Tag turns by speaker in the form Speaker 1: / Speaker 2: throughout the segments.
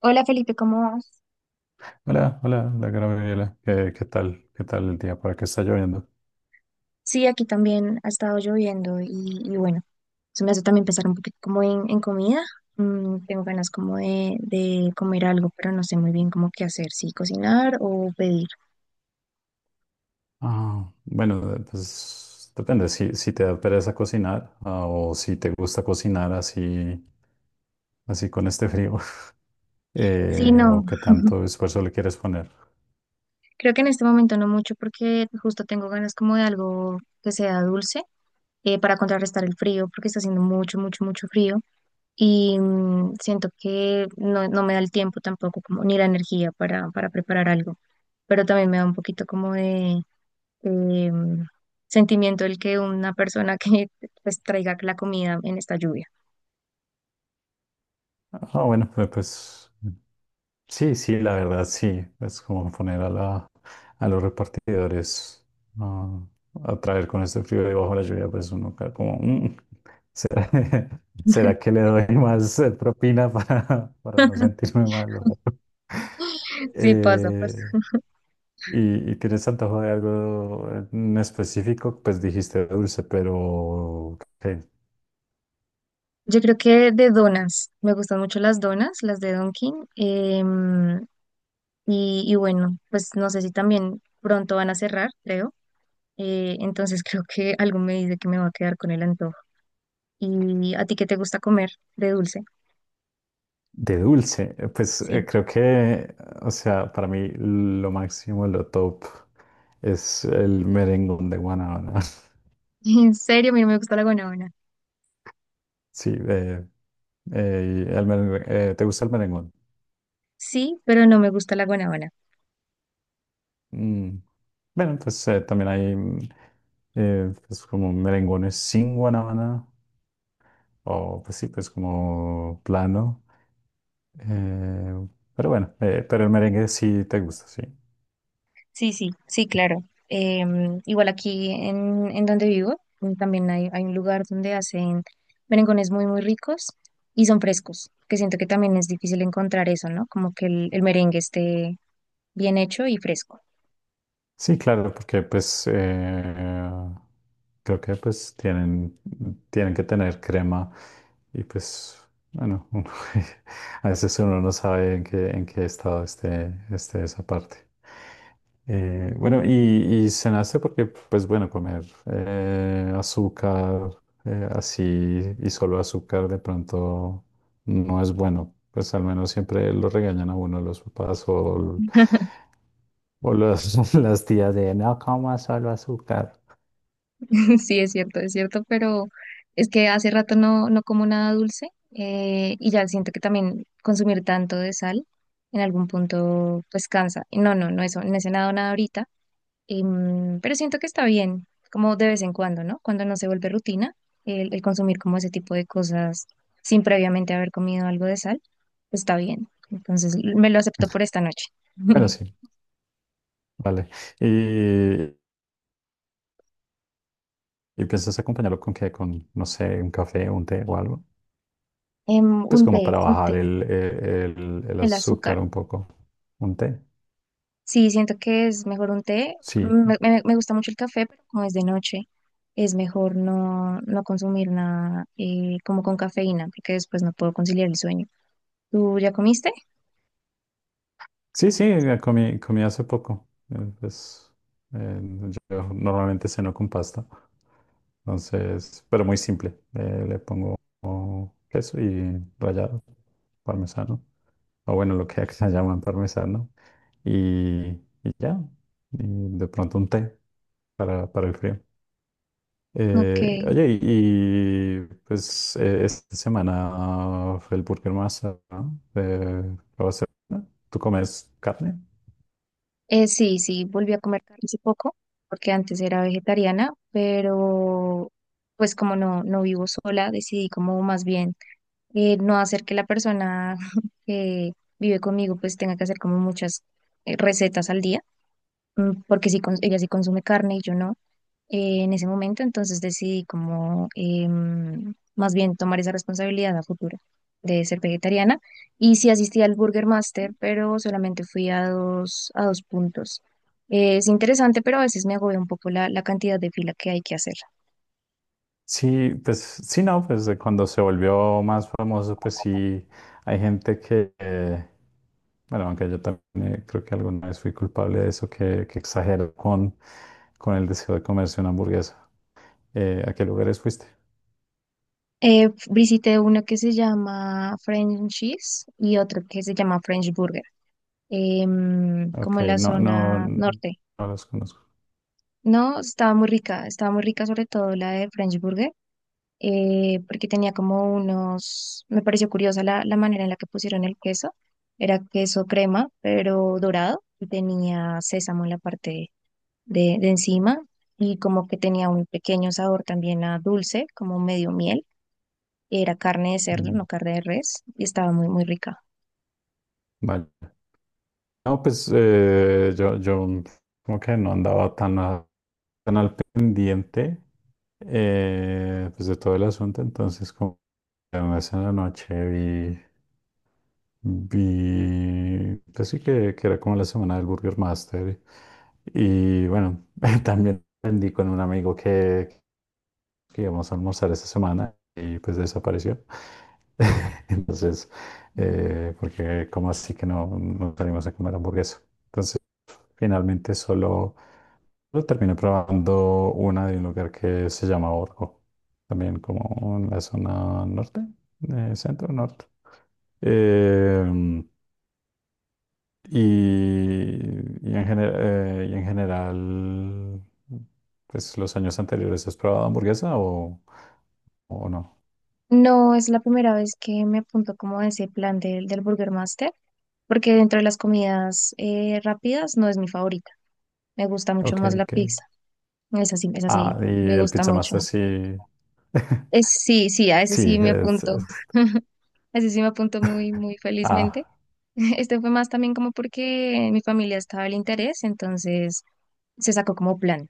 Speaker 1: Hola Felipe, ¿cómo vas?
Speaker 2: Hola, hola, hola, Gabriela. ¿Qué tal? ¿Qué tal el día? ¿Para qué está lloviendo?
Speaker 1: Sí, aquí también ha estado lloviendo y bueno, eso me hace también pensar un poquito como en comida. Tengo ganas como de comer algo, pero no sé muy bien cómo qué hacer, si cocinar o pedir.
Speaker 2: Ah, bueno, pues depende. Si te da pereza cocinar o si te gusta cocinar así, así con este frío
Speaker 1: Sí, no,
Speaker 2: o qué tanto esfuerzo le quieres poner.
Speaker 1: creo que en este momento no mucho porque justo tengo ganas como de algo que sea dulce para contrarrestar el frío porque está haciendo mucho, mucho, mucho frío y siento que no, no me da el tiempo tampoco como ni la energía para preparar algo. Pero también me da un poquito como de, eh, sentimiento el que una persona que pues traiga la comida en esta lluvia.
Speaker 2: Ah, bueno, sí, sí, la verdad, sí. Es como poner a a los repartidores ah, a traer con este frío y bajo la lluvia, pues uno cae como, "Mm, ¿será, será que le doy más propina para, para no sentirme malo?
Speaker 1: Sí, pasa, pasa.
Speaker 2: Eh, y tienes antojo de algo en específico, pues dijiste dulce, pero ¿qué?
Speaker 1: Yo creo que de donas, me gustan mucho las donas, las de Dunkin', y bueno, pues no sé si también pronto van a cerrar, creo. Entonces creo que algo me dice que me va a quedar con el antojo. ¿Y a ti qué te gusta comer de dulce?
Speaker 2: De dulce, pues
Speaker 1: Sí.
Speaker 2: creo que, o sea, para mí lo máximo, lo top es el merengón de guanábana.
Speaker 1: En serio, a mí no me gusta la guanábana.
Speaker 2: Sí, el ¿te gusta el merengón?
Speaker 1: Sí, pero no me gusta la guanábana.
Speaker 2: Mm, bueno, pues también hay pues, como merengones sin guanábana, o pues sí, pues como plano. Eh, pero bueno, pero el merengue sí te gusta, sí.
Speaker 1: Sí, sí, sí, claro. Igual aquí en donde vivo, también hay un lugar donde hacen merengones muy, muy ricos y son frescos, que siento que también es difícil encontrar eso, ¿no? Como que el merengue esté bien hecho y fresco.
Speaker 2: Sí, claro, porque pues creo que pues tienen, tienen que tener crema y pues bueno, uno a veces uno no sabe en qué estado esté, esté esa parte. Bueno, y cenaste porque pues bueno, comer azúcar así y solo azúcar de pronto no es bueno. Pues al menos siempre lo regañan a uno los papás o, las tías de no comas solo azúcar.
Speaker 1: Sí, es cierto, pero es que hace rato no, no como nada dulce y ya siento que también consumir tanto de sal en algún punto pues cansa. Y no, no, no, eso, no he cenado nada ahorita. Pero siento que está bien, como de vez en cuando, ¿no? Cuando no se vuelve rutina, el consumir como ese tipo de cosas sin previamente haber comido algo de sal, está bien. Entonces, me lo acepto por esta noche.
Speaker 2: Bueno, sí, vale. ¿Y, ¿y piensas acompañarlo con qué? Con, no sé, un café, un té o algo.
Speaker 1: Em,
Speaker 2: Pues como para
Speaker 1: un
Speaker 2: bajar
Speaker 1: té,
Speaker 2: el
Speaker 1: el azúcar.
Speaker 2: azúcar un poco. ¿Un té?
Speaker 1: Sí, siento que es mejor un té.
Speaker 2: Sí.
Speaker 1: Me gusta mucho el café, pero como es de noche, es mejor no, no consumir nada como con cafeína, porque después no puedo conciliar el sueño. ¿Tú ya comiste?
Speaker 2: Sí, sí, comí hace poco. Pues, eh, yo normalmente ceno con pasta. Entonces, pero muy simple. Le pongo queso y rallado, parmesano. O bueno, lo que acá llaman parmesano. Y, y ya. Y de pronto un té para el frío.
Speaker 1: Ok.
Speaker 2: Oye, y pues esta semana fue el Burger Master, ¿no? ¿Lo vas a hacer? ¿Tú comes carne?
Speaker 1: Sí, sí, volví a comer carne hace poco, porque antes era vegetariana, pero pues como no, no vivo sola, decidí como más bien no hacer que la persona que vive conmigo pues tenga que hacer como muchas recetas al día, porque sí, ella sí consume carne y yo no. En ese momento, entonces decidí como más bien tomar esa responsabilidad a futuro de ser vegetariana. Y sí asistí al Burger Master, pero solamente fui a dos puntos. Es interesante, pero a veces me agobia un poco la, la cantidad de fila que hay que hacer.
Speaker 2: Sí, pues sí, no, pues cuando se volvió más famoso, pues sí, hay gente que, bueno, aunque yo también creo que alguna vez fui culpable de eso, que exagero con el deseo de comerse una hamburguesa. ¿A qué lugares fuiste?
Speaker 1: Visité uno que se llama French Cheese y otro que se llama French Burger, como
Speaker 2: Ok,
Speaker 1: en la
Speaker 2: no, no,
Speaker 1: zona
Speaker 2: no
Speaker 1: norte.
Speaker 2: los conozco.
Speaker 1: No, estaba muy rica sobre todo la de French Burger porque tenía como unos, me pareció curiosa la, la manera en la que pusieron el queso. Era queso crema, pero dorado, y tenía sésamo en la parte de encima, y como que tenía un pequeño sabor también a dulce, como medio miel. Era carne de cerdo, no
Speaker 2: Mm,
Speaker 1: carne de res, y estaba muy, muy rica.
Speaker 2: vale. No, pues yo como que no andaba tan, tan al pendiente pues de todo el asunto, entonces como que una vez en la noche vi, vi, pues sí que era como la semana del Burger Master y bueno, también aprendí con un amigo que íbamos a almorzar esta semana y pues desapareció. Entonces, porque como así que no, no salimos a comer hamburguesa. Entonces, finalmente solo, solo terminé probando una de un lugar que se llama Orgo, también como en la zona norte, centro norte. Em, y, y en y en general, pues los años anteriores, ¿has probado hamburguesa o no?
Speaker 1: No es la primera vez que me apunto como a ese plan del, del Burger Master, porque dentro de las comidas rápidas no es mi favorita. Me gusta mucho
Speaker 2: Ok,
Speaker 1: más la
Speaker 2: ok.
Speaker 1: pizza. Esa
Speaker 2: Ah,
Speaker 1: sí,
Speaker 2: y
Speaker 1: me
Speaker 2: el
Speaker 1: gusta
Speaker 2: Pizza
Speaker 1: mucho.
Speaker 2: Master sí.
Speaker 1: Es, sí, sí, a ese
Speaker 2: Sí,
Speaker 1: sí me
Speaker 2: es,
Speaker 1: apunto. A ese sí me apunto muy, muy felizmente.
Speaker 2: ah,
Speaker 1: Este fue más también como porque mi familia estaba el interés, entonces se sacó como plan,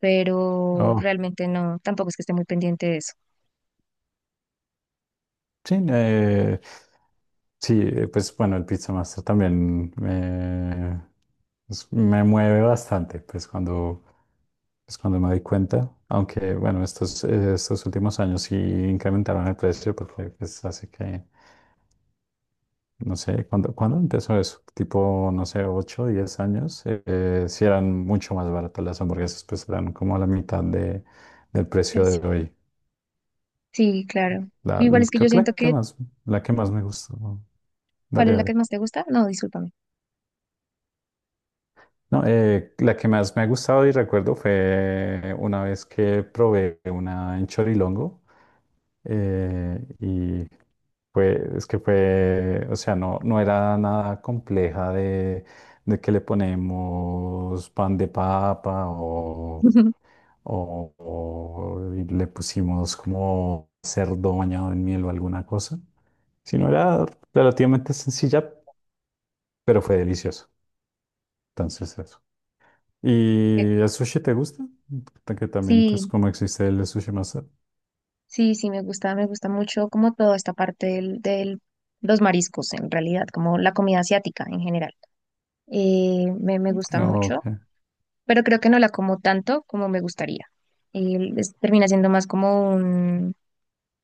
Speaker 1: pero
Speaker 2: oh,
Speaker 1: realmente no, tampoco es que esté muy pendiente de eso.
Speaker 2: sí, sí, pues bueno, el Pizza Master también me, me mueve bastante, pues cuando me doy cuenta. Aunque bueno, estos, estos últimos años sí incrementaron el precio porque pues hace que. No sé, ¿cuándo empezó eso? Tipo, no sé, 8 a 10 años. Sí eran mucho más baratas las hamburguesas, pues eran como a la mitad de, del precio
Speaker 1: Pues,
Speaker 2: de hoy.
Speaker 1: sí, claro.
Speaker 2: La,
Speaker 1: Igual es que yo
Speaker 2: creo que
Speaker 1: siento que
Speaker 2: la que más me gustó. ¿No?
Speaker 1: ¿cuál
Speaker 2: Dale,
Speaker 1: es la que
Speaker 2: dale.
Speaker 1: más te gusta? No, discúlpame.
Speaker 2: No, la que más me ha gustado y recuerdo fue una vez que probé una en Chorilongo y fue, es que fue, o sea, no, no era nada compleja de que le ponemos pan de papa o, o le pusimos como cerdo bañado en miel o alguna cosa, sino era relativamente sencilla, pero fue delicioso. Entonces, eso.
Speaker 1: Eh,
Speaker 2: ¿Y el sushi te gusta? Que también, pues,
Speaker 1: sí,
Speaker 2: como existe el sushi masa.
Speaker 1: sí, sí, me gusta mucho como toda esta parte del los mariscos en realidad, como la comida asiática en general. Me gusta
Speaker 2: Ok.
Speaker 1: mucho, pero creo que no la como tanto como me gustaría. Y termina siendo más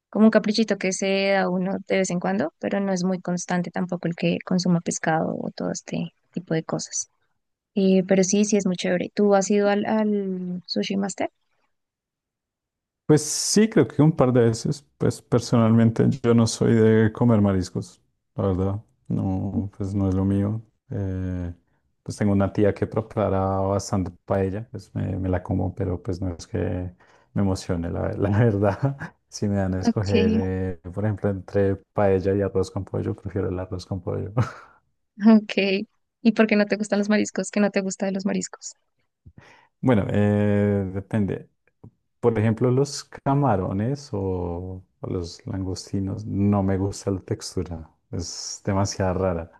Speaker 1: como un caprichito que se da uno de vez en cuando, pero no es muy constante tampoco el que consuma pescado o todo este tipo de cosas. Pero sí, sí es muy chévere. ¿Tú has ido al, al Sushi Master?
Speaker 2: Pues sí, creo que un par de veces. Pues personalmente yo no soy de comer mariscos, la verdad. No, pues no es lo mío. Eh, pues tengo una tía que prepara bastante paella, pues me la como, pero pues no es que me emocione, la verdad. Si me dan a escoger,
Speaker 1: Ok,
Speaker 2: por ejemplo, entre paella y arroz con pollo, prefiero el arroz con pollo.
Speaker 1: ok. ¿Y por qué no te gustan los mariscos? ¿Qué no te gusta de los mariscos?
Speaker 2: Bueno, depende. Por ejemplo, los camarones o los langostinos, no me gusta la textura, es demasiado rara,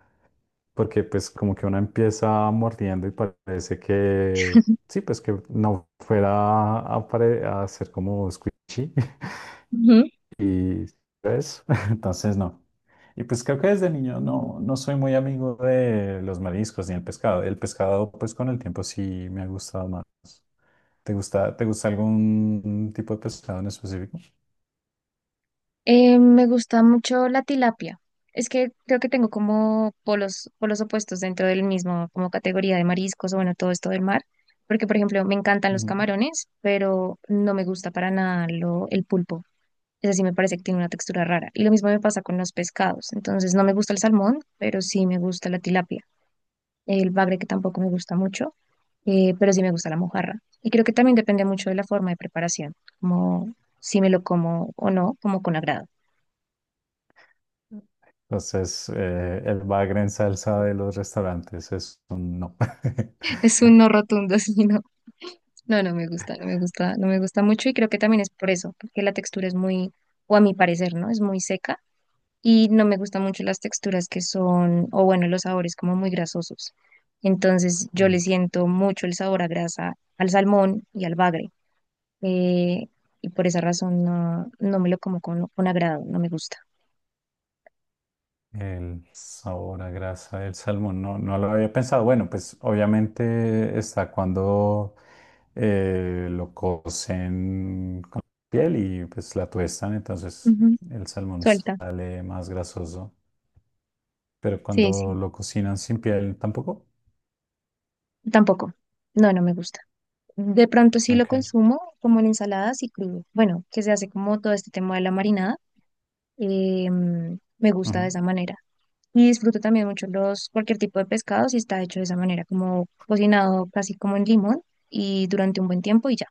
Speaker 2: porque pues como que uno empieza mordiendo y parece que, sí, pues que no fuera a, a ser como squishy y pues, entonces no. Y pues creo que desde niño no, no soy muy amigo de los mariscos ni el pescado. El pescado pues con el tiempo sí me ha gustado más. Te gusta algún tipo de pescado en específico?
Speaker 1: Me gusta mucho la tilapia. Es que creo que tengo como polos, polos opuestos dentro del mismo, como categoría de mariscos o bueno, todo esto del mar. Porque, por ejemplo, me encantan los
Speaker 2: Ujú.
Speaker 1: camarones, pero no me gusta para nada lo, el pulpo. Es así, me parece que tiene una textura rara. Y lo mismo me pasa con los pescados. Entonces, no me gusta el salmón, pero sí me gusta la tilapia. El bagre que tampoco me gusta mucho, pero sí me gusta la mojarra. Y creo que también depende mucho de la forma de preparación, como si me lo como o no, como con agrado.
Speaker 2: Entonces, el bagre en salsa de los restaurantes es un no.
Speaker 1: Es un no rotundo, sí, no. No, no me gusta, no me gusta, no me gusta mucho y creo que también es por eso, porque la textura es muy, o a mi parecer, ¿no? Es muy seca y no me gustan mucho las texturas que son, o bueno, los sabores como muy grasosos. Entonces yo le siento mucho el sabor a grasa al salmón y al bagre. eh, y por esa razón no, no me lo como con agrado, no me gusta.
Speaker 2: El sabor a grasa del salmón, no, no lo había pensado. Bueno, pues obviamente está cuando lo cocen con piel y pues la tuestan, entonces
Speaker 1: Ujú.
Speaker 2: el salmón
Speaker 1: Suelta,
Speaker 2: sale más grasoso. Pero
Speaker 1: sí, sí.
Speaker 2: cuando lo cocinan sin piel, tampoco.
Speaker 1: Tampoco. No, no me gusta. De pronto sí lo
Speaker 2: Ok.
Speaker 1: consumo como en ensaladas y crudo. Bueno, que se hace como todo este tema de la marinada. eh, me gusta de
Speaker 2: Ujú.
Speaker 1: esa manera. Y disfruto también mucho los, cualquier tipo de pescado si está hecho de esa manera, como cocinado casi como en limón y durante un buen tiempo y ya.